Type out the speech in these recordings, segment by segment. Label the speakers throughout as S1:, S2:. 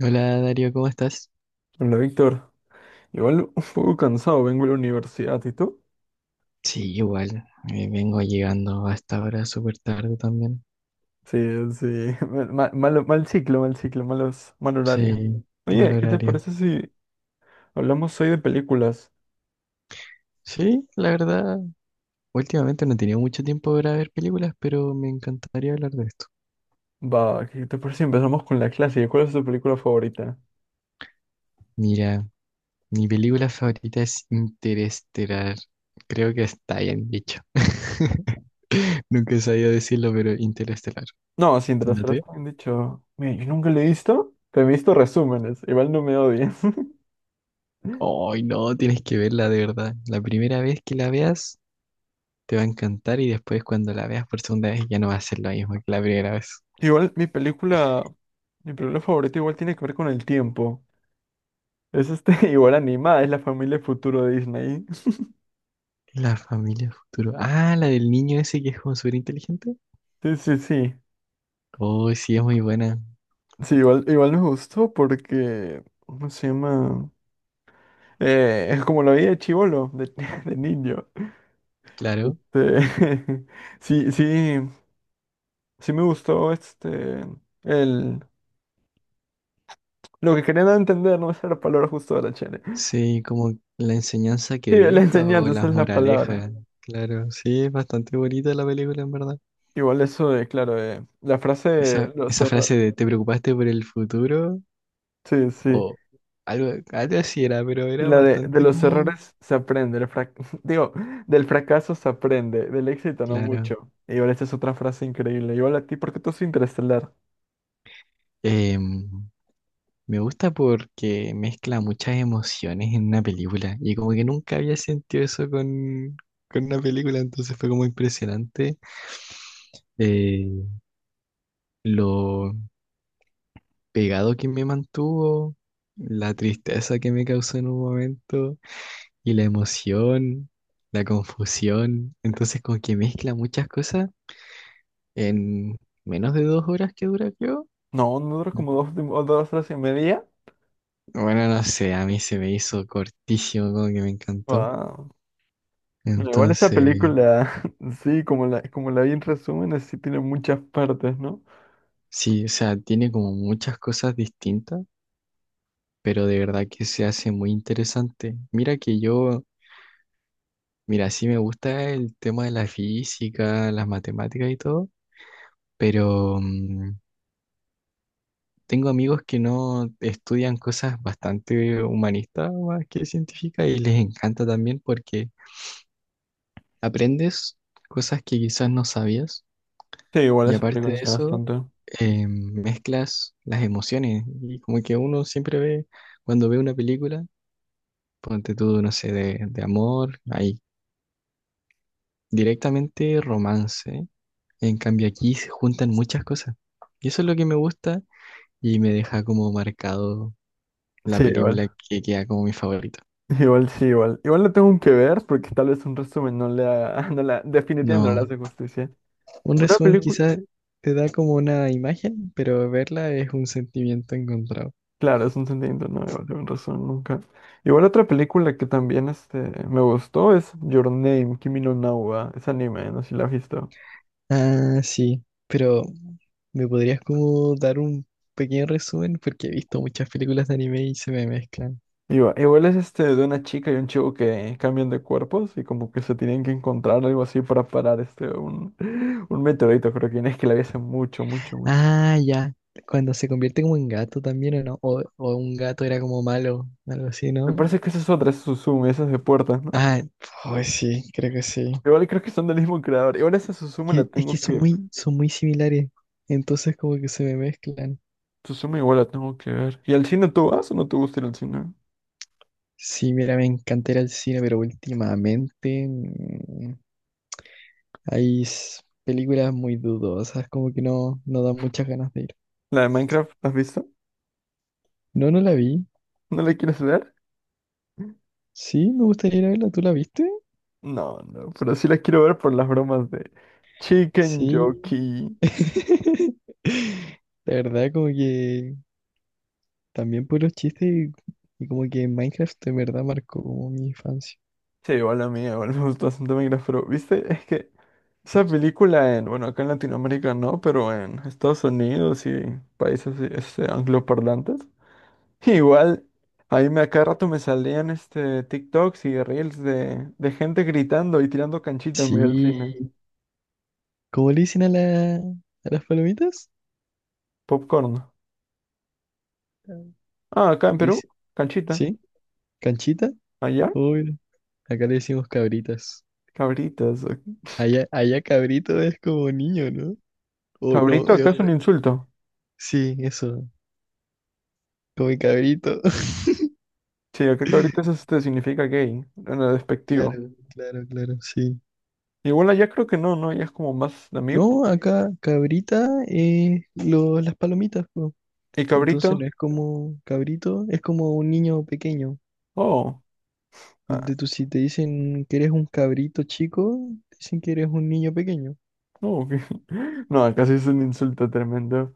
S1: Hola Darío, ¿cómo estás?
S2: Hola, Víctor. Igual un poco cansado, vengo a la universidad, ¿y tú?
S1: Sí, igual, vengo llegando a esta hora súper tarde también.
S2: Sí, sí. Mal, mal ciclo, malos, mal horario.
S1: Sí, mal
S2: Oye, ¿qué te
S1: horario.
S2: parece si hablamos hoy de películas?
S1: Sí, la verdad, últimamente no he tenido mucho tiempo para ver películas, pero me encantaría hablar de esto.
S2: Va, ¿qué te parece si empezamos con la clásica? ¿Cuál es tu película favorita?
S1: Mira, mi película favorita es Interestelar. Creo que está bien dicho. Nunca he sabido decirlo, pero Interestelar.
S2: No, sin
S1: ¿La
S2: trastras,
S1: tuya?
S2: me han dicho. Mira, yo nunca la he visto, pero he visto resúmenes. Igual no me odies.
S1: Ay, no, tienes que verla de verdad. La primera vez que la veas te va a encantar, y después cuando la veas por segunda vez ya no va a ser lo mismo que la primera vez.
S2: Igual mi película favorita igual tiene que ver con el tiempo. Es igual animada, es La familia futuro de Disney.
S1: La familia futuro. Ah, la del niño ese que es como súper inteligente.
S2: Sí, sí, sí.
S1: Oh, sí, es muy buena,
S2: Sí, igual me gustó porque, ¿cómo se llama? Es como la vida de chibolo, de niño.
S1: claro.
S2: Este, sí, sí, sí me gustó el, lo que querían entender, no es la palabra justo de la chele.
S1: Sí, como la enseñanza que
S2: Sí, la
S1: deja o
S2: enseñanza, esa
S1: las
S2: es la palabra.
S1: moralejas. Claro, sí, es bastante bonita la película, en verdad.
S2: Igual eso claro, la frase,
S1: Esa,
S2: lo
S1: esa
S2: cerra-
S1: frase de ¿te preocupaste por el futuro?
S2: Sí, sí.
S1: O algo así era, pero
S2: Y
S1: era
S2: la de
S1: bastante
S2: los
S1: como...
S2: errores se aprende, digo, del fracaso se aprende, del éxito no
S1: Claro.
S2: mucho. Y igual esta es otra frase increíble. Igual a ti, ¿por qué tú es Interestelar?
S1: Em, me gusta porque mezcla muchas emociones en una película y como que nunca había sentido eso con una película, entonces fue como impresionante, eh, lo pegado que me mantuvo, la tristeza que me causó en un momento y la emoción, la confusión. Entonces como que mezcla muchas cosas en menos de 2 horas que dura, creo.
S2: No, no dura como dos, o 2 horas y media.
S1: Bueno, no sé, a mí se me hizo cortísimo, como que me encantó.
S2: Wow. No, igual esa
S1: Entonces...
S2: película, sí, como la vi en resúmenes, sí tiene muchas partes, ¿no?
S1: Sí, o sea, tiene como muchas cosas distintas, pero de verdad que se hace muy interesante. Mira, sí me gusta el tema de la física, las matemáticas y todo, pero tengo amigos que no estudian cosas bastante humanistas más que científicas y les encanta también porque aprendes cosas que quizás no sabías.
S2: Sí, igual
S1: Y
S2: esa
S1: aparte
S2: película
S1: de
S2: enseña
S1: eso,
S2: bastante.
S1: mezclas las emociones, y como que uno siempre ve, cuando ve una película, ponte tú, no sé, de amor, ahí, directamente romance. En cambio aquí se juntan muchas cosas. Y eso es lo que me gusta y me deja como marcado la
S2: Sí, igual.
S1: película que queda como mi favorito.
S2: Igual, sí, igual. Igual lo tengo que ver porque tal vez un resumen no le haga, definitivamente no le
S1: No,
S2: hace justicia.
S1: un
S2: Una
S1: resumen
S2: película.
S1: quizás te da como una imagen, pero verla es un sentimiento encontrado.
S2: Claro, es un sentimiento, no, igual tienen razón, nunca. Igual otra película que también me gustó es Your Name, Kimi no Na wa, es anime, no sé si la has visto.
S1: Ah, sí, pero ¿me podrías como dar un pequeño resumen? Porque he visto muchas películas de anime y se me mezclan.
S2: Igual, igual es este de una chica y un chico que cambian de cuerpos y como que se tienen que encontrar algo así para parar un meteorito, creo que no, es que la vi hace mucho, mucho, mucho.
S1: Ah, ya. Cuando se convierte como en gato también, ¿o no? O un gato era como malo, algo así,
S2: Me
S1: ¿no?
S2: parece que esa es otra, esa es Suzume, esa es de puertas, ¿no?
S1: Ah, pues sí, creo que sí.
S2: Igual creo que son del mismo creador. Igual esa Suzume la
S1: Que- Es que
S2: tengo que...
S1: son
S2: ver.
S1: son muy similares. Entonces como que se me mezclan.
S2: Suzume igual la tengo que ver. ¿Y al cine tú vas o no te gusta ir al cine?
S1: Sí, mira, me encanta ir al cine, pero últimamente hay s- películas muy dudosas, como que no, no dan muchas ganas de ir.
S2: ¿La de Minecraft, la has visto?
S1: No, no la vi.
S2: ¿No la quieres ver?
S1: Sí, me gustaría ir a verla. ¿Tú la viste?
S2: No, no, pero sí la quiero ver por las bromas de Chicken
S1: Sí.
S2: Jockey.
S1: La verdad, como que también por los chistes y como que Minecraft de verdad marcó como mi infancia.
S2: Sí, igual a mí, igual me gusta bastante Minecraft, pero viste, es que esa película en, bueno, acá en Latinoamérica no, pero en Estados Unidos y países angloparlantes, igual ahí me a cada rato me salían este TikToks y reels de gente gritando y tirando canchita en medio del
S1: Sí.
S2: cine.
S1: ¿Cómo le dicen a, a las palomitas?
S2: Popcorn.
S1: Ah.
S2: Ah, acá en
S1: Le
S2: Perú,
S1: dic-
S2: canchita.
S1: ¿Sí? ¿Canchita?
S2: Allá,
S1: Oh, mira, acá le decimos cabritas.
S2: cabritas.
S1: Allá cabrito es como niño, ¿no? O no,
S2: Cabrito
S1: es
S2: acá es
S1: otra.
S2: un
S1: Co-
S2: insulto.
S1: Sí, eso. Como el cabrito.
S2: Sí, yo creo que ahorita eso este, significa gay, en el despectivo.
S1: Claro, sí.
S2: Igual allá creo que no, ¿no? Ya es como más de amigos.
S1: No, acá cabrita es lo- las palomitas, po.
S2: ¿Y
S1: Entonces no
S2: cabrito?
S1: es como cabrito, es como un niño pequeño.
S2: Oh, ah,
S1: Donde tú si te dicen que eres un cabrito chico, dicen que eres un niño pequeño.
S2: no, ok. No, acá sí es un insulto tremendo.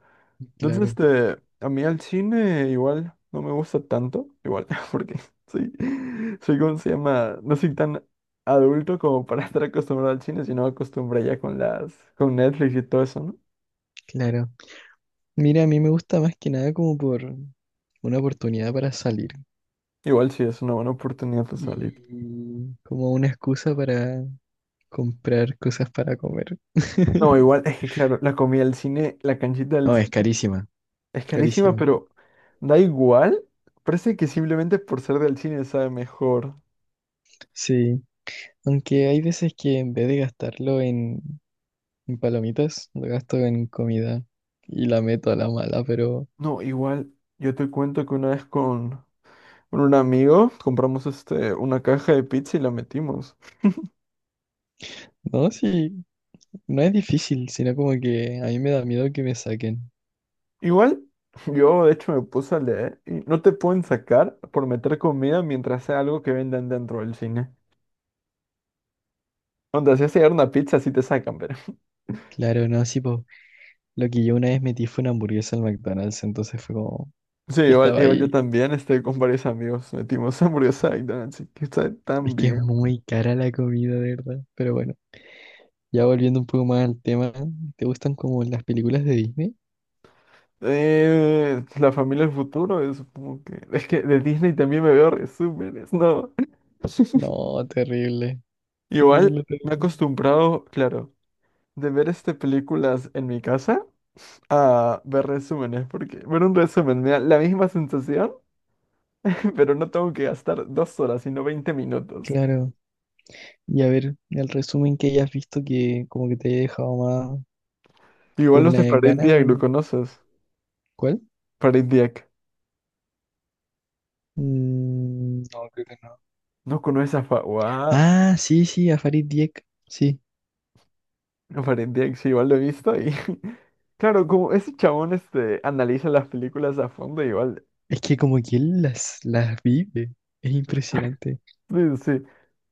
S2: Entonces,
S1: Claro.
S2: a mí al cine igual no me gusta tanto, igual, porque soy, soy, ¿cómo se llama? No soy tan adulto como para estar acostumbrado al cine, sino acostumbré ya con con Netflix y todo eso, ¿no?
S1: Claro. Mira, a mí me gusta más que nada como por una oportunidad para salir
S2: Igual sí es una buena oportunidad para salir.
S1: y como una excusa para comprar cosas para comer.
S2: No, igual, es que claro, la comida del cine, la canchita del
S1: No, es
S2: cine.
S1: carísima,
S2: Es carísima,
S1: carísima.
S2: pero da igual. Parece que simplemente por ser del cine sabe mejor.
S1: Sí. Aunque hay veces que en vez de gastarlo en palomitas, lo gasto en comida y la meto a la mala. Pero
S2: No, igual, yo te cuento que una vez con un amigo compramos este, una caja de pizza y la metimos.
S1: no, sí, no es difícil, sino como que a mí me da miedo que me saquen.
S2: Igual, yo de hecho me puse a leer y no te pueden sacar por meter comida mientras sea algo que vendan dentro del cine. Onda, si hace una pizza, sí te sacan, pero.
S1: Claro, no, sí, pues lo que yo una vez metí fue una hamburguesa al McDonald's, entonces fue como,
S2: Sí,
S1: yo
S2: igual,
S1: estaba
S2: igual yo
S1: ahí.
S2: también, este, con varios amigos metimos hamburguesa y donuts y que está
S1: Es
S2: tan
S1: que es
S2: bien.
S1: muy cara la comida, de verdad. Pero bueno, ya volviendo un poco más al tema, ¿te gustan como las películas de Disney?
S2: La familia del futuro, supongo que. Es que de Disney también me veo resúmenes, ¿no?
S1: No, terrible, terrible,
S2: Igual sí. Me he
S1: terrible.
S2: acostumbrado, claro, de ver este películas en mi casa a ver resúmenes, porque ver un resumen me da la misma sensación, pero no tengo que gastar 2 horas, sino 20 minutos.
S1: Claro, y a ver, el resumen que hayas visto que como que te haya dejado más
S2: Igual
S1: con
S2: los
S1: la
S2: de Uf, Farid
S1: gana
S2: Diak, ¿lo
S1: de...
S2: conoces?
S1: ¿Cuál?
S2: Farid Diak.
S1: Mm, no, creo que no.
S2: ¿No conoces a Fa... What?
S1: Ah, sí, sí, a Farid Dieck, sí.
S2: No, Farid Diak, sí, igual lo he visto y... Claro, como ese chabón este, analiza las películas a fondo, igual
S1: Es que como que él las vive, es impresionante.
S2: sí, sí.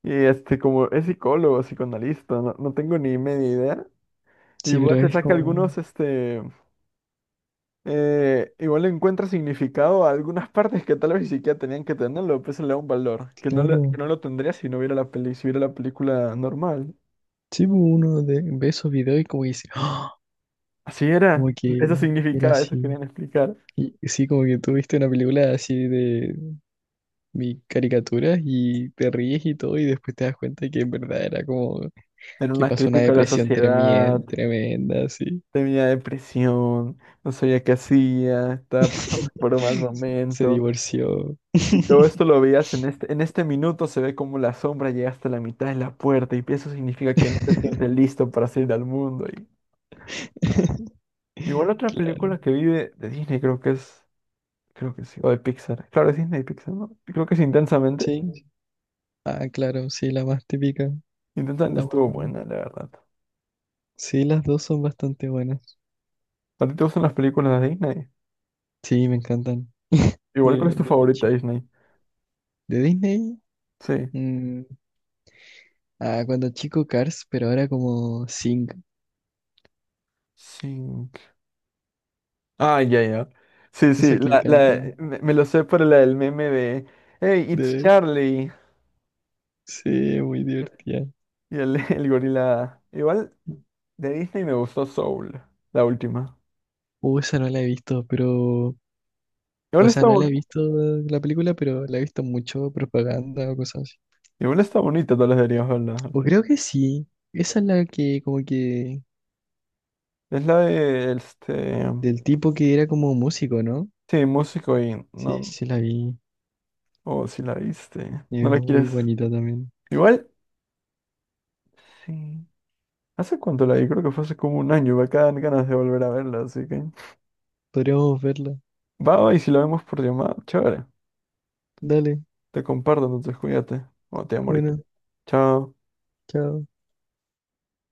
S2: Y este, como es psicólogo, psicoanalista, no, no tengo ni media idea.
S1: Sí,
S2: Igual
S1: pero
S2: se
S1: es
S2: saca
S1: como,
S2: algunos, igual le encuentra significado a algunas partes que tal vez ni siquiera tenían que tenerlo, pues se le da un valor, que no, que
S1: claro.
S2: no lo tendría si no viera la peli, si viera la película normal.
S1: Sí, pues, uno de- ve esos videos y como que dice, "Ah",
S2: Así
S1: como
S2: era,
S1: que
S2: eso
S1: era
S2: significaba, eso
S1: así.
S2: querían explicar.
S1: Y sí, como que tú viste una película así de mi caricaturas y te ríes y todo, y después te das cuenta que en verdad era como
S2: Era
S1: que
S2: una
S1: pasó una
S2: crítica a la
S1: depresión
S2: sociedad,
S1: tremenda, así.
S2: tenía depresión, no sabía qué hacía, estaba pasando por un mal
S1: Se
S2: momento.
S1: divorció.
S2: Y todo esto lo veías en en este minuto, se ve como la sombra llega hasta la mitad de la puerta y eso significa que no te sientes listo para salir al mundo. Y igual otra
S1: Claro,
S2: película que vi de Disney, creo que es, creo que sí, o de Pixar. Claro, es Disney y Pixar, ¿no? Creo que es Intensamente.
S1: sí. Ah, claro, sí, la más típica.
S2: Intensamente
S1: La más...
S2: estuvo buena, la verdad.
S1: Sí, las dos son bastante buenas.
S2: ¿A ti te gustan las películas de Disney?
S1: Sí, me encantan.
S2: Igual, ¿cuál es tu
S1: De muy
S2: favorita
S1: chico.
S2: Disney?
S1: De Disney,
S2: Sí.
S1: mm, ah, cuando chico Cars, pero ahora como Sing.
S2: Sink. Ah, ya, ya. Sí, sí,
S1: Esa que cantan.
S2: me lo sé por la del meme de Hey, it's
S1: De,
S2: Charlie.
S1: sí, muy divertida.
S2: Y el, el gorila. Igual de Disney me gustó Soul, la última.
S1: Esa no la he visto, pero. O
S2: Igual
S1: sea,
S2: está,
S1: no la he visto la película, pero la he visto mucho propaganda o cosas así.
S2: igual está bonita, tal vez deberías verla.
S1: O
S2: Sí.
S1: creo que sí. Esa es la que, como que.
S2: Es la de,
S1: Del tipo que era como músico, ¿no?
S2: sí, músico y
S1: Sí,
S2: no,
S1: sí la vi.
S2: o si la viste,
S1: Y
S2: no
S1: es
S2: la
S1: muy
S2: quieres.
S1: bonita también.
S2: Igual, sí. ¿Hace cuánto la vi? Creo que fue hace como un año, me quedan ganas de volver a verla, así que...
S1: Podríamos verla.
S2: Va, va, y si la vemos por llamada, chévere.
S1: Dale,
S2: Te comparto, entonces cuídate. O te amo ahorita.
S1: bueno,
S2: Chao.
S1: chao.